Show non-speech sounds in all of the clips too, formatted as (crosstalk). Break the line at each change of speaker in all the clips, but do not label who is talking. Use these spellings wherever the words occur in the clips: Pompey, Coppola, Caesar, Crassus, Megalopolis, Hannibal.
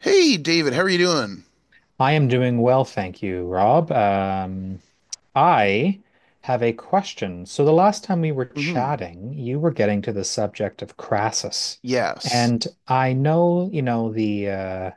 Hey, David, how are you doing?
I am doing well, thank you, Rob. I have a question. So the last time we were
Hmm.
chatting, you were getting to the subject of Crassus,
Yes.
and I know, you know, the uh,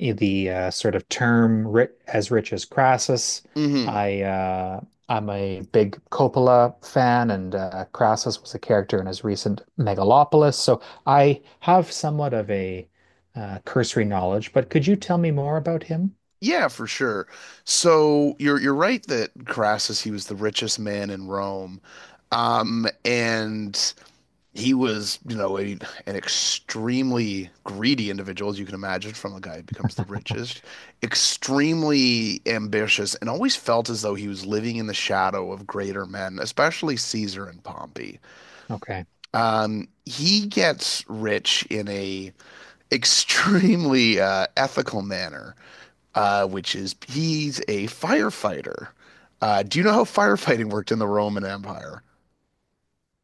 i- the uh, sort of term ri as rich as Crassus.
Hmm.
I uh, I'm a big Coppola fan, and Crassus was a character in his recent Megalopolis. So I have somewhat of a cursory knowledge, but could you tell me more about him?
Yeah, for sure. So you're right that Crassus, he was the richest man in Rome. And he was, you know, an extremely greedy individual, as you can imagine, from a guy who becomes the richest, extremely ambitious, and always felt as though he was living in the shadow of greater men, especially Caesar and Pompey.
Okay.
He gets rich in a extremely ethical manner, which is he's a firefighter. Do you know how firefighting worked in the Roman Empire?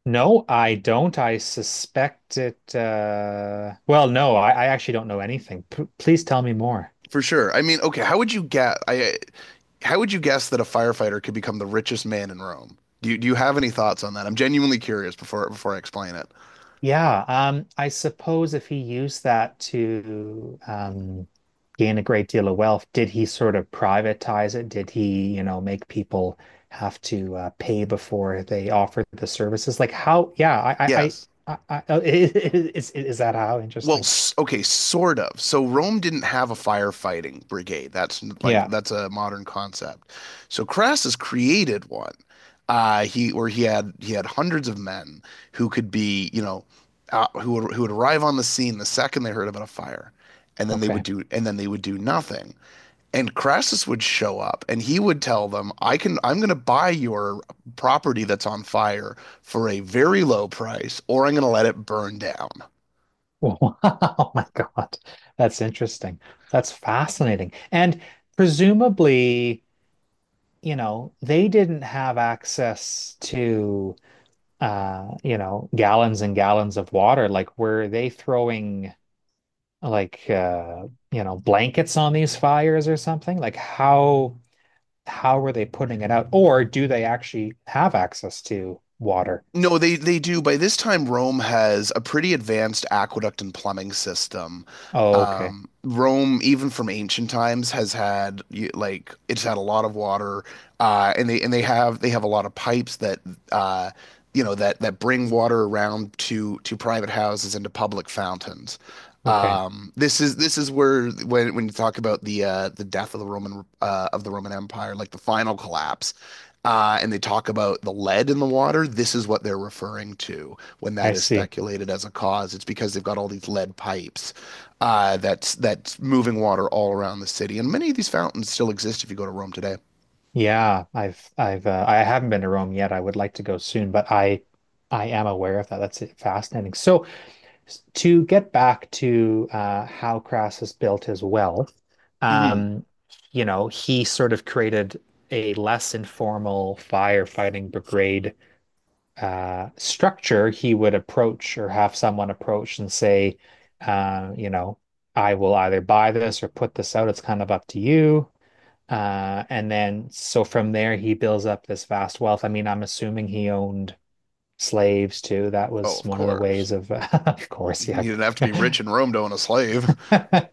No, I don't. I suspect it. Well, no, I actually don't know anything. P please tell me more.
For sure. I mean, okay, how would you guess? I How would you guess that a firefighter could become the richest man in Rome? Do you have any thoughts on that? I'm genuinely curious before I explain it.
Yeah, I suppose if he used that to gain a great deal of wealth, did he sort of privatize it? Did he, you know, make people have to pay before they offer the services? Like how? Yeah, I, I,
Yes.
I, I, I (laughs) is that how?
Well,
Interesting.
okay, sort of. So Rome didn't have a firefighting brigade. Like
Yeah.
that's a modern concept. So Crassus created one. He had hundreds of men who could be, you know, who would arrive on the scene the second they heard about a fire, and
Okay.
then they would do nothing. And Crassus would show up and he would tell them, I'm going to buy your property that's on fire for a very low price, or I'm going to let it burn down."
Wow, (laughs) oh my God. That's interesting. That's fascinating. And presumably, you know, they didn't have access to you know, gallons and gallons of water. Like, were they throwing like you know, blankets on these fires or something? Like how were they putting it out? Or do they actually have access to water?
No, they do. By this time, Rome has a pretty advanced aqueduct and plumbing system.
Oh, okay.
Rome, even from ancient times, has had it's had a lot of water, and they have a lot of pipes that uh, you know that that bring water around to private houses and to public fountains.
Okay.
This is where when you talk about the death of the Roman Empire, like the final collapse, and they talk about the lead in the water, this is what they're referring to when
I
that is
see.
speculated as a cause. It's because they've got all these lead pipes that's moving water all around the city, and many of these fountains still exist if you go to Rome today.
Yeah, I've I haven't been to Rome yet. I would like to go soon, but I am aware of that. That's fascinating. So s- to get back to how Crassus built his wealth,
Hmm.
um, you know, he sort of created a less informal firefighting brigade structure. He would approach or have someone approach and say, you know, I will either buy this or put this out. It's kind of up to you. And then so from there he builds up this vast wealth. I mean, I'm assuming he owned slaves too. That
Oh,
was
of
one of the
course.
ways
(laughs)
of, (laughs) of course,
You
yeah,
didn't have to be
(laughs)
rich in Rome to own a slave.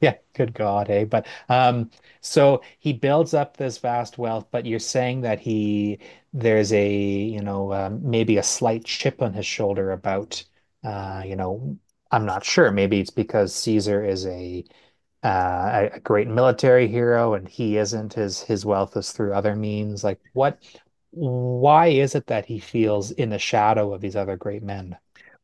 yeah, good God, eh? But so he builds up this vast wealth. But you're saying that he there's a you know maybe a slight chip on his shoulder about you know I'm not sure. Maybe it's because Caesar is a a great military hero and he isn't. His wealth is through other means. Like what? Why is it that he feels in the shadow of these other great men?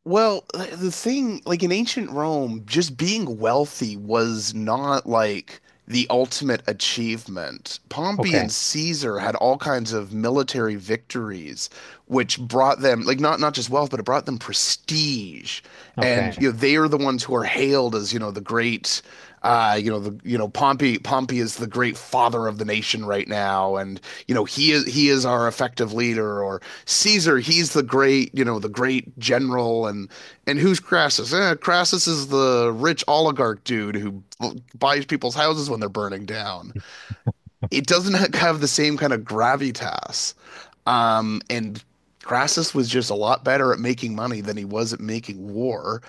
Well, like, the thing, like in ancient Rome, just being wealthy was not like the ultimate achievement. Pompey and
Okay,
Caesar had all kinds of military victories, which brought them, like not just wealth, but it brought them prestige. And
okay,
you know, they are the ones who are hailed as, you know, the great you know the you know Pompey is the great father of the nation right now, and you know he is our effective leader, or Caesar he's the great you know the great general, and who's Crassus? Eh, Crassus is the rich oligarch dude who buys people's houses when they're burning down. It doesn't have the same kind of gravitas. And Crassus was just a lot better at making money than he was at making war.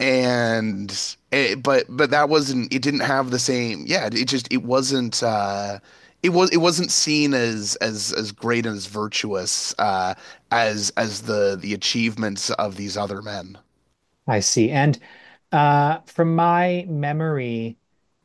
And it, but that wasn't it didn't have the same yeah it just it wasn't it was it wasn't seen as as great and as virtuous as the achievements of these other men.
I see. And from my memory,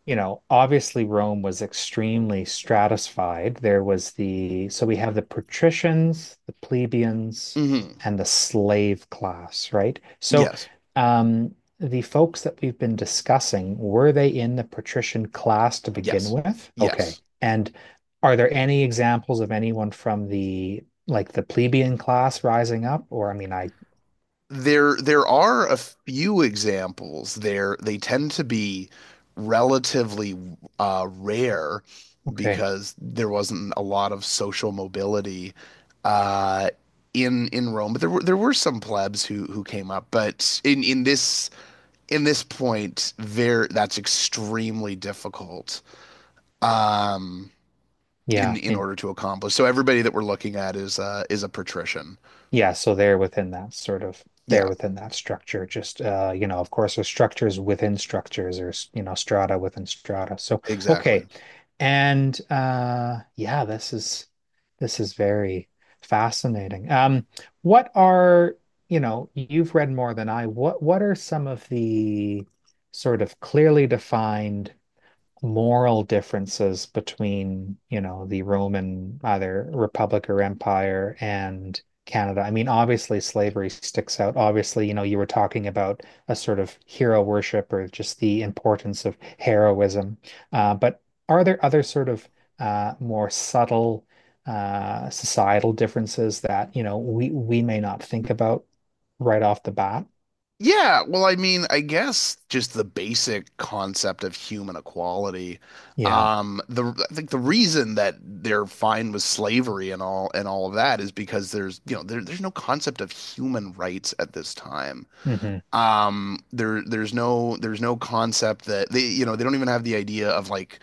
you know, obviously Rome was extremely stratified. There was the, so we have the patricians, the plebeians,
Hmm.
and the slave class, right? So,
Yes.
um, the folks that we've been discussing, were they in the patrician class to begin
Yes.
with? Okay.
Yes.
And are there any examples of anyone from the, like the plebeian class rising up? Or, I mean, I,
There are a few examples there. They tend to be relatively rare
okay.
because there wasn't a lot of social mobility uh, in Rome. But there were some plebs who came up. But in this point, there that's extremely difficult, um,
Yeah,
in order to accomplish. So everybody that we're looking at is a patrician.
Yeah, so they're within that sort of they're
Yeah,
within that structure. Just you know, of course, there's structures within structures, or you know, strata within strata. So
exactly.
okay, and yeah, this is very fascinating. What are you know, you've read more than I. What are some of the sort of clearly defined moral differences between, you know, the Roman either republic or empire and Canada. I mean, obviously slavery sticks out. Obviously, you know, you were talking about a sort of hero worship or just the importance of heroism. But are there other sort of more subtle societal differences that, you know, we may not think about right off the bat?
Yeah, well, I mean, I guess just the basic concept of human equality.
Yeah.
The I think the reason that they're fine with slavery and all of that is because there's you know there's no concept of human rights at this time.
Hmm.
There's no concept that they you know they don't even have the idea of like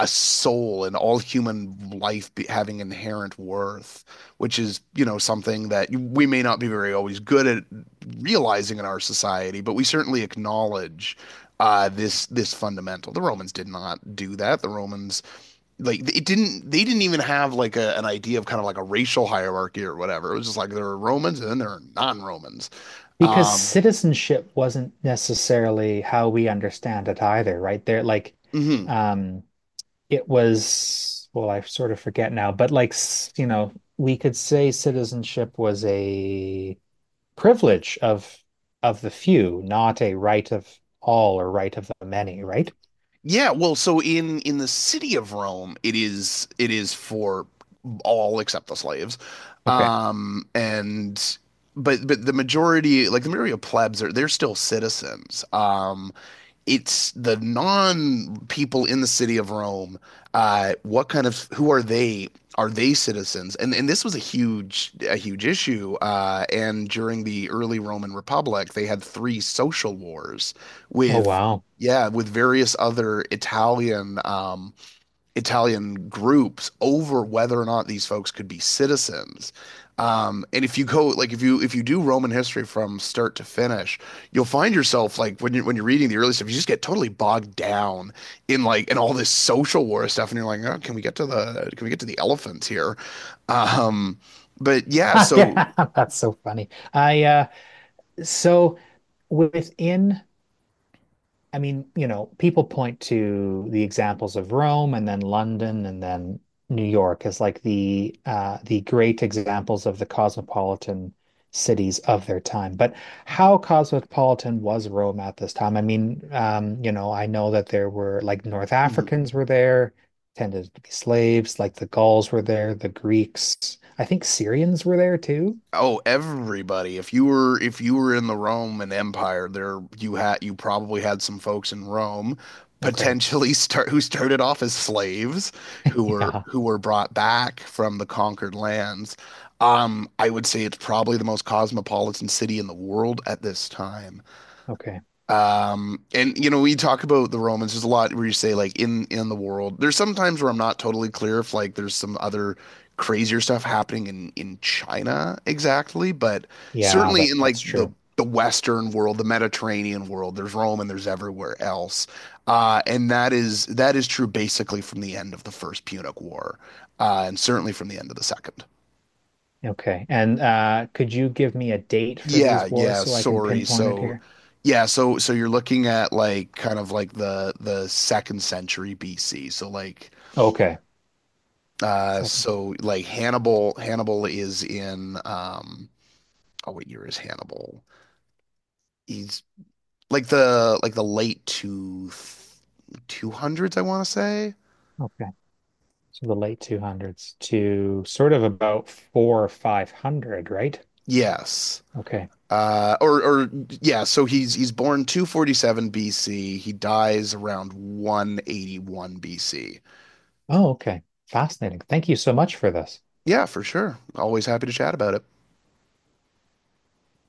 a soul and all human life be, having inherent worth, which is you know something that we may not be very always good at realizing in our society, but we certainly acknowledge. This this fundamental. The Romans did not do that. The Romans like it didn't. They didn't even have like an idea of kind of like a racial hierarchy or whatever. It was just like there are Romans and then there are non-Romans.
Because
Um,
citizenship wasn't necessarily how we understand it either, right? There, like,
mhm.
um, it was, well, I sort of forget now, but like, s- you know, we could say citizenship was a privilege of the few, not a right of all or right of the many, right?
Yeah, well, so in the city of Rome, it is for all except the slaves.
Okay.
And but the majority like the majority of plebs are they're still citizens. It's the non people in the city of Rome. What kind of who are they? Are they citizens? And this was a huge issue. And during the early Roman Republic, they had three social wars
Oh,
with
wow.
yeah with various other Italian Italian groups over whether or not these folks could be citizens. And if you go like if you do Roman history from start to finish, you'll find yourself like when you're reading the early stuff, you just get totally bogged down in like and all this social war stuff, and you're like, oh, can we get to the can we get to the elephants here? Um, but
(laughs)
yeah, so.
That's so funny. I so within I mean, you know, people point to the examples of Rome and then London and then New York as like the great examples of the cosmopolitan cities of their time. But how cosmopolitan was Rome at this time? I mean, you know, I know that there were like North
Mhm.
Africans were there, tended to be slaves, like the Gauls were there, the Greeks. I think Syrians were there too.
Oh, everybody. If you were in the Roman Empire, there you had you probably had some folks in Rome
Okay.
potentially (laughs) start who started off as slaves
(laughs) Yeah.
who were brought back from the conquered lands. I would say it's probably the most cosmopolitan city in the world at this time.
Okay.
And you know, we talk about the Romans. There's a lot where you say like in the world. There's some times where I'm not totally clear if like there's some other crazier stuff happening in China exactly, but
Yeah,
certainly
that
in
that's
like the
true.
the Western world, the Mediterranean world, there's Rome and there's everywhere else. And that is true basically from the end of the First Punic War, and certainly from the end of the Second.
Okay. And could you give me a date for
Yeah,
these wars
yeah,
so I can
sorry.
pinpoint it
So
here?
yeah, so so you're looking at like kind of like the second century BC.
Okay. Second.
So like Hannibal is in oh what year is Hannibal? He's like the late two 200s I want to say.
Okay. So the late 200s to sort of about four or 500, right?
Yes.
Okay.
Or yeah, so he's born 247 BC. He dies around 181 BC.
Oh, okay. Fascinating. Thank you so much for this.
Yeah, for sure. Always happy to chat about it.